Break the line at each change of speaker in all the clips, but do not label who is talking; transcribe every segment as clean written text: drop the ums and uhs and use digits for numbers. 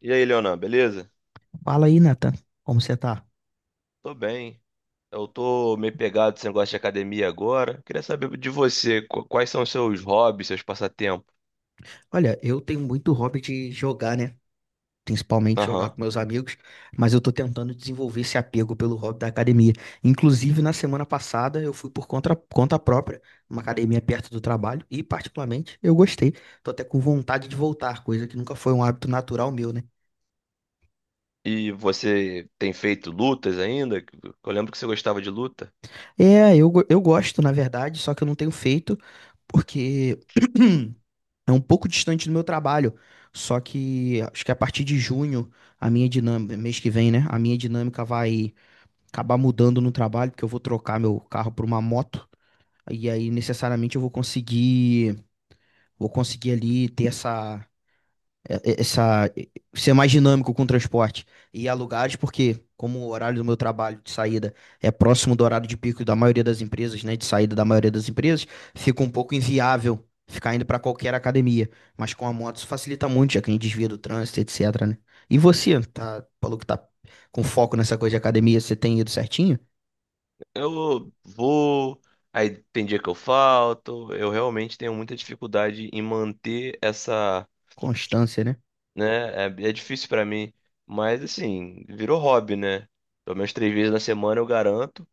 E aí, Leonan, beleza?
Fala aí, Nathan. Como você tá?
Tô bem. Eu tô meio pegado nesse negócio de academia agora. Queria saber de você, quais são os seus hobbies, seus passatempos?
Olha, eu tenho muito hobby de jogar, né? Principalmente jogar
Aham.
com meus amigos, mas eu tô tentando desenvolver esse apego pelo hobby da academia. Inclusive, na semana passada, eu fui por conta própria, uma academia perto do trabalho, e particularmente eu gostei. Tô até com vontade de voltar, coisa que nunca foi um hábito natural meu, né?
E você tem feito lutas ainda? Eu lembro que você gostava de luta.
É, eu gosto, na verdade, só que eu não tenho feito, porque é um pouco distante do meu trabalho, só que acho que a partir de junho, a minha dinâmica, mês que vem, né? A minha dinâmica vai acabar mudando no trabalho, porque eu vou trocar meu carro por uma moto, e aí necessariamente eu vou conseguir ali ter essa, ser mais dinâmico com o transporte e ir a lugares, porque como o horário do meu trabalho de saída é próximo do horário de pico da maioria das empresas, né, de saída da maioria das empresas, fica um pouco inviável ficar indo para qualquer academia, mas com a moto isso facilita muito, já que a gente desvia do trânsito, etc, né? E você, tá, falou que tá com foco nessa coisa de academia, você tem ido certinho?
Eu vou, aí tem dia que eu falto. Eu realmente tenho muita dificuldade em manter essa
Constância, né?
né? É, é difícil pra mim, mas assim, virou hobby, né? Pelo menos 3 vezes na semana eu garanto.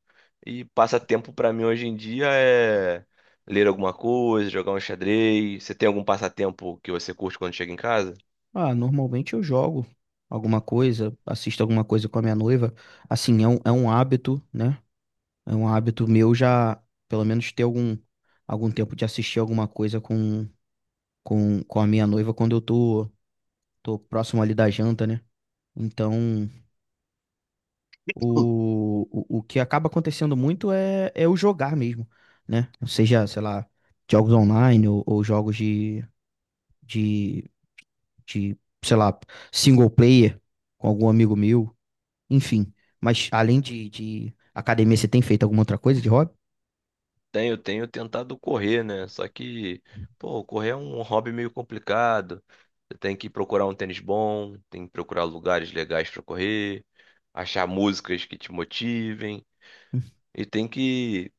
E passatempo pra mim hoje em dia é ler alguma coisa, jogar um xadrez. Você tem algum passatempo que você curte quando chega em casa?
Ah, normalmente eu jogo alguma coisa, assisto alguma coisa com a minha noiva. Assim, é um hábito, né? É um hábito meu já, pelo menos ter algum tempo de assistir alguma coisa com a minha noiva quando eu tô próximo ali da janta, né? Então, o que acaba acontecendo muito é o jogar mesmo, né? Seja, sei lá, jogos online ou jogos de, de sei lá, single player com algum amigo meu, enfim. Mas além de academia, você tem feito alguma outra coisa de hobby?
Tenho, tenho tentado correr, né? Só que, pô, correr é um hobby meio complicado. Você tem que procurar um tênis bom, tem que procurar lugares legais pra correr, achar músicas que te motivem e tem que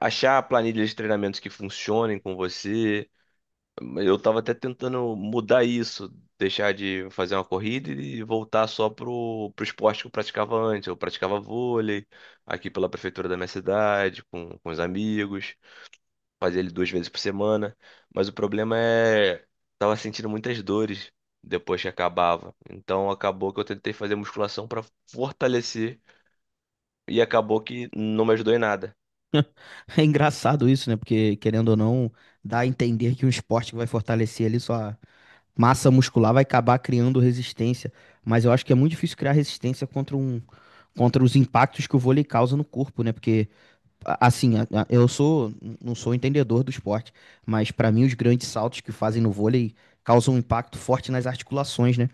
achar planilhas de treinamentos que funcionem com você. Eu tava até tentando mudar isso, deixar de fazer uma corrida e voltar só pro esporte que eu praticava antes. Eu praticava vôlei aqui pela prefeitura da minha cidade, com os amigos, fazia ele 2 vezes por semana. Mas o problema é, tava sentindo muitas dores depois que acabava. Então acabou que eu tentei fazer musculação para fortalecer e acabou que não me ajudou em nada.
É engraçado isso, né? Porque, querendo ou não, dá a entender que um esporte que vai fortalecer ali sua massa muscular vai acabar criando resistência. Mas eu acho que é muito difícil criar resistência contra os impactos que o vôlei causa no corpo, né? Porque, assim, não sou entendedor do esporte, mas para mim os grandes saltos que fazem no vôlei causam um impacto forte nas articulações, né?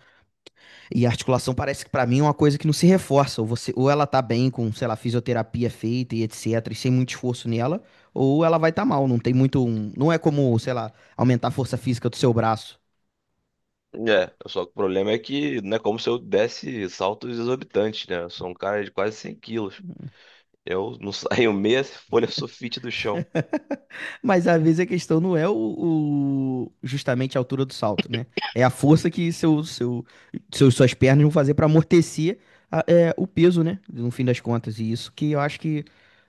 E a articulação parece que pra mim é uma coisa que não se reforça. Ou ela tá bem com, sei lá, fisioterapia feita e etc, e sem muito esforço nela, ou ela vai estar tá mal. Não tem muito. Não é como, sei lá, aumentar a força física do seu braço.
É, só que o problema é que não é como se eu desse saltos exorbitantes, né? Eu sou um cara de quase 100 quilos. Eu não saio meia folha sulfite do chão.
Mas às vezes a questão não é justamente a altura do salto, né? É a força que suas pernas vão fazer para amortecer o peso, né? No fim das contas. E isso que eu acho que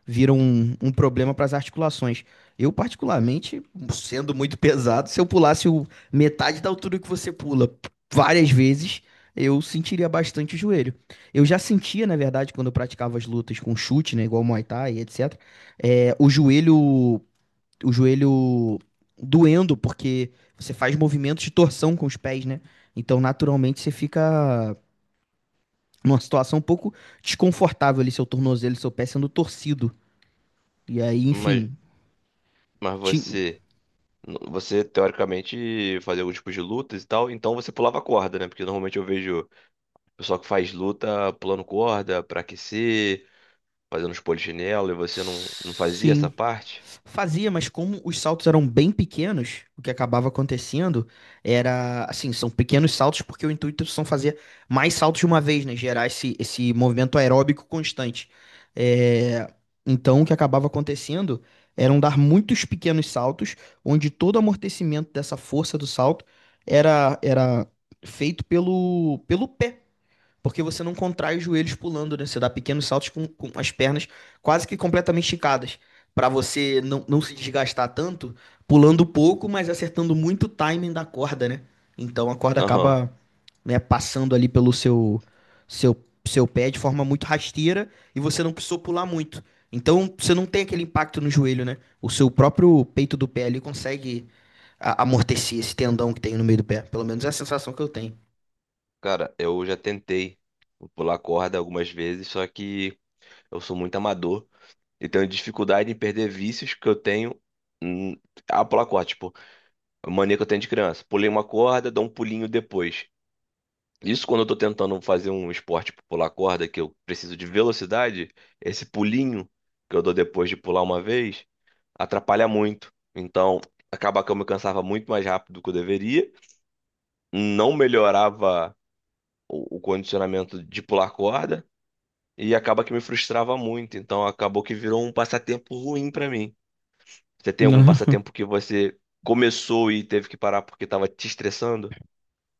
vira um problema para as articulações. Eu, particularmente, sendo muito pesado, se eu pulasse metade da altura que você pula várias vezes, eu sentiria bastante o joelho. Eu já sentia, na verdade, quando eu praticava as lutas com chute, né? Igual Muay Thai, etc. é, o joelho o joelho doendo, porque você faz movimentos de torção com os pés, né? Então, naturalmente, você fica numa situação um pouco desconfortável ali, seu tornozelo, seu pé sendo torcido. E aí,
Mas,
enfim.
mas
ti-
você, você teoricamente fazia algum tipo de lutas e tal, então você pulava corda, né? Porque normalmente eu vejo pessoal que faz luta pulando corda pra aquecer, fazendo os polichinelo, e você não fazia essa
Sim.
parte?
Fazia, mas como os saltos eram bem pequenos, o que acabava acontecendo era, assim, são pequenos saltos porque o intuito são fazer mais saltos de uma vez, né? Gerar esse movimento aeróbico constante. É, Então, o que acabava acontecendo eram dar muitos pequenos saltos, onde todo o amortecimento dessa força do salto era feito pelo pé. Porque você não contrai os joelhos pulando, né? Você dá pequenos saltos com as pernas quase que completamente esticadas, para você não se desgastar tanto, pulando pouco, mas acertando muito o timing da corda, né? Então a corda
Aham.
acaba, né, passando ali pelo seu, seu pé de forma muito rasteira e você não precisou pular muito. Então você não tem aquele impacto no joelho, né? O seu próprio peito do pé ali consegue amortecer esse tendão que tem no meio do pé. Pelo menos é a sensação que eu tenho.
Cara, eu já tentei pular corda algumas vezes, só que eu sou muito amador. Eu tenho dificuldade em perder vícios que eu tenho hum, pular corda, tipo, a mania que eu tenho de criança. Pulei uma corda, dou um pulinho depois. Isso quando eu tô tentando fazer um esporte tipo pular corda, que eu preciso de velocidade, esse pulinho que eu dou depois de pular uma vez, atrapalha muito. Então, acaba que eu me cansava muito mais rápido do que eu deveria, não melhorava o condicionamento de pular corda, e acaba que me frustrava muito. Então, acabou que virou um passatempo ruim pra mim. Você tem algum passatempo que você começou e teve que parar porque tava te estressando?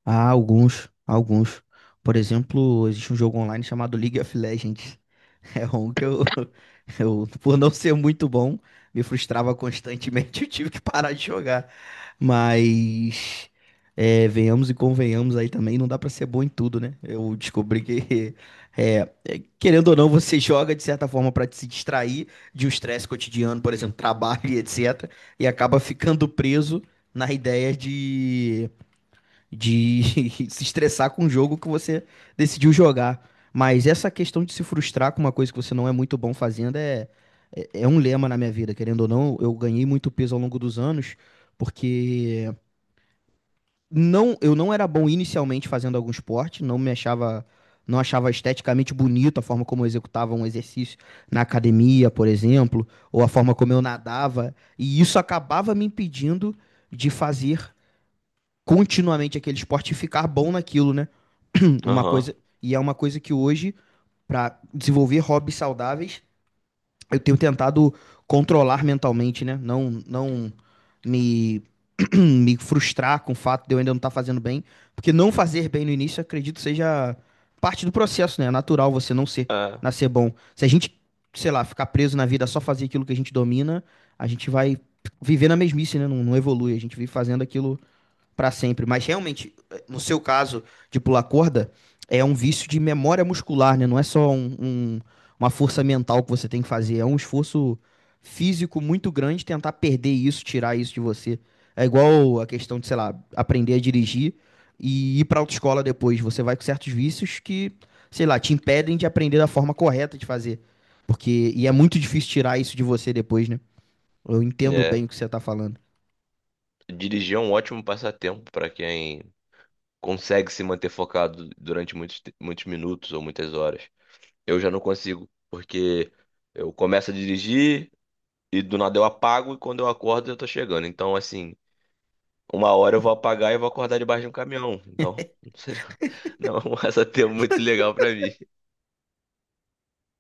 Há alguns, alguns. Por exemplo, existe um jogo online chamado League of Legends. É um que eu, eu, por não ser muito bom, me frustrava constantemente. Eu tive que parar de jogar. Mas, venhamos e convenhamos aí também, não dá pra ser bom em tudo, né? Eu descobri que, querendo ou não, você joga de certa forma pra se distrair de um estresse cotidiano, por exemplo, trabalho e etc. E acaba ficando preso na ideia de se estressar com o jogo que você decidiu jogar. Mas essa questão de se frustrar com uma coisa que você não é muito bom fazendo é um lema na minha vida, querendo ou não. Eu ganhei muito peso ao longo dos anos, porque não, eu não era bom inicialmente fazendo algum esporte, não me achava. Não achava esteticamente bonito a forma como eu executava um exercício na academia, por exemplo, ou a forma como eu nadava. E isso acabava me impedindo de fazer continuamente aquele esporte e ficar bom naquilo, né? Uma
Aham.
coisa, e é uma coisa que hoje, para desenvolver hobbies saudáveis, eu tenho tentado controlar mentalmente, né? Não me, me frustrar com o fato de eu ainda não estar fazendo bem, porque não fazer bem no início, acredito, seja parte do processo, né? É natural você não ser, nascer bom. Se a gente, sei lá, ficar preso na vida só fazer aquilo que a gente domina, a gente vai viver na mesmice, né? Não evolui. A gente vive fazendo aquilo para sempre. Mas realmente, no seu caso de pular corda, é um vício de memória muscular, né? Não é só uma força mental que você tem que fazer, é um esforço físico muito grande tentar perder isso, tirar isso de você. É igual a questão de, sei lá, aprender a dirigir e ir para autoescola depois. Você vai com certos vícios que, sei lá, te impedem de aprender da forma correta de fazer. E é muito difícil tirar isso de você depois, né? Eu
É,
entendo
é.
bem o que você tá falando.
Dirigir é um ótimo passatempo para quem consegue se manter focado durante muitos minutos ou muitas horas. Eu já não consigo, porque eu começo a dirigir e do nada eu apago e quando eu acordo eu tô chegando. Então, assim, uma hora eu vou apagar e vou acordar debaixo de um caminhão. Então, não é um passatempo muito legal para mim.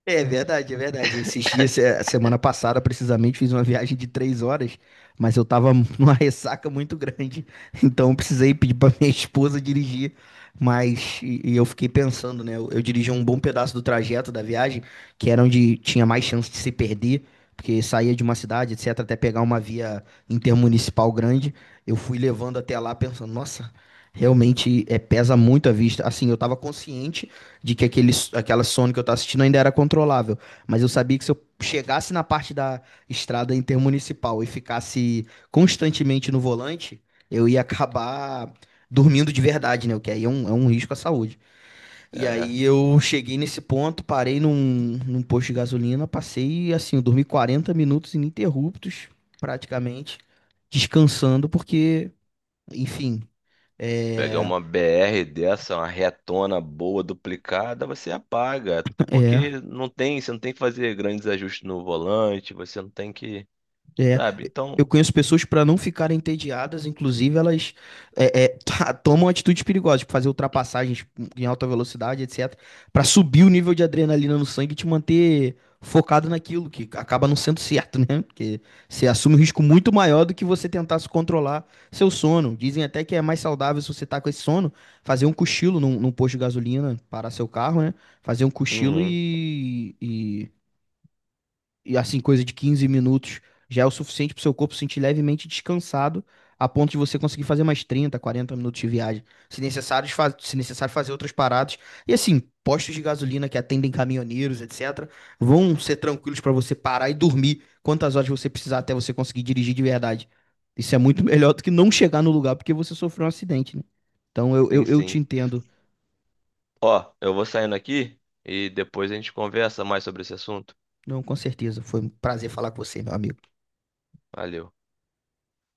É verdade, é verdade. Esses dias, semana passada, precisamente, fiz uma viagem de 3 horas, mas eu tava numa ressaca muito grande, então eu precisei pedir pra minha esposa dirigir. Mas e eu fiquei pensando, né? Eu dirigi um bom pedaço do trajeto da viagem, que era onde tinha mais chance de se perder, porque saía de uma cidade, etc., até pegar uma via intermunicipal grande. Eu fui levando até lá pensando, nossa, realmente pesa muito a vista. Assim, eu tava consciente de que aquela Sony que eu tava assistindo ainda era controlável. Mas eu sabia que se eu chegasse na parte da estrada intermunicipal e ficasse constantemente no volante, eu ia acabar dormindo de verdade, né? O que aí é um risco à saúde. E
É.
aí eu cheguei nesse ponto, parei num posto de gasolina, passei assim, eu dormi 40 minutos ininterruptos, praticamente, descansando, porque, enfim.
Pegar
É,
uma BR dessa, uma retona boa, duplicada, você apaga. Até
é,
porque não tem, você não tem que fazer grandes ajustes no volante, você não tem que,
é.
sabe?
Eu
Então,
conheço pessoas para não ficarem entediadas, inclusive elas tomam atitudes perigosas, tipo fazer ultrapassagens em alta velocidade, etc, para subir o nível de adrenalina no sangue e te manter focado naquilo, que acaba não sendo certo, né? Porque você assume um risco muito maior do que você tentar se controlar seu sono. Dizem até que é mais saudável se você tá com esse sono, fazer um cochilo num posto de gasolina, parar seu carro, né? Fazer um cochilo
uhum,
e assim, coisa de 15 minutos já é o suficiente para o seu corpo se sentir levemente descansado, a ponto de você conseguir fazer mais 30, 40 minutos de viagem. Se necessário, fazer outras paradas. E assim, postos de gasolina que atendem caminhoneiros, etc., vão ser tranquilos para você parar e dormir quantas horas você precisar até você conseguir dirigir de verdade. Isso é muito melhor do que não chegar no lugar porque você sofreu um acidente, né? Então eu, eu,
sim,
eu te
sim.
entendo.
Ó, eu vou saindo aqui e depois a gente conversa mais sobre esse assunto.
Não, com certeza. Foi um prazer falar com você, meu amigo.
Valeu.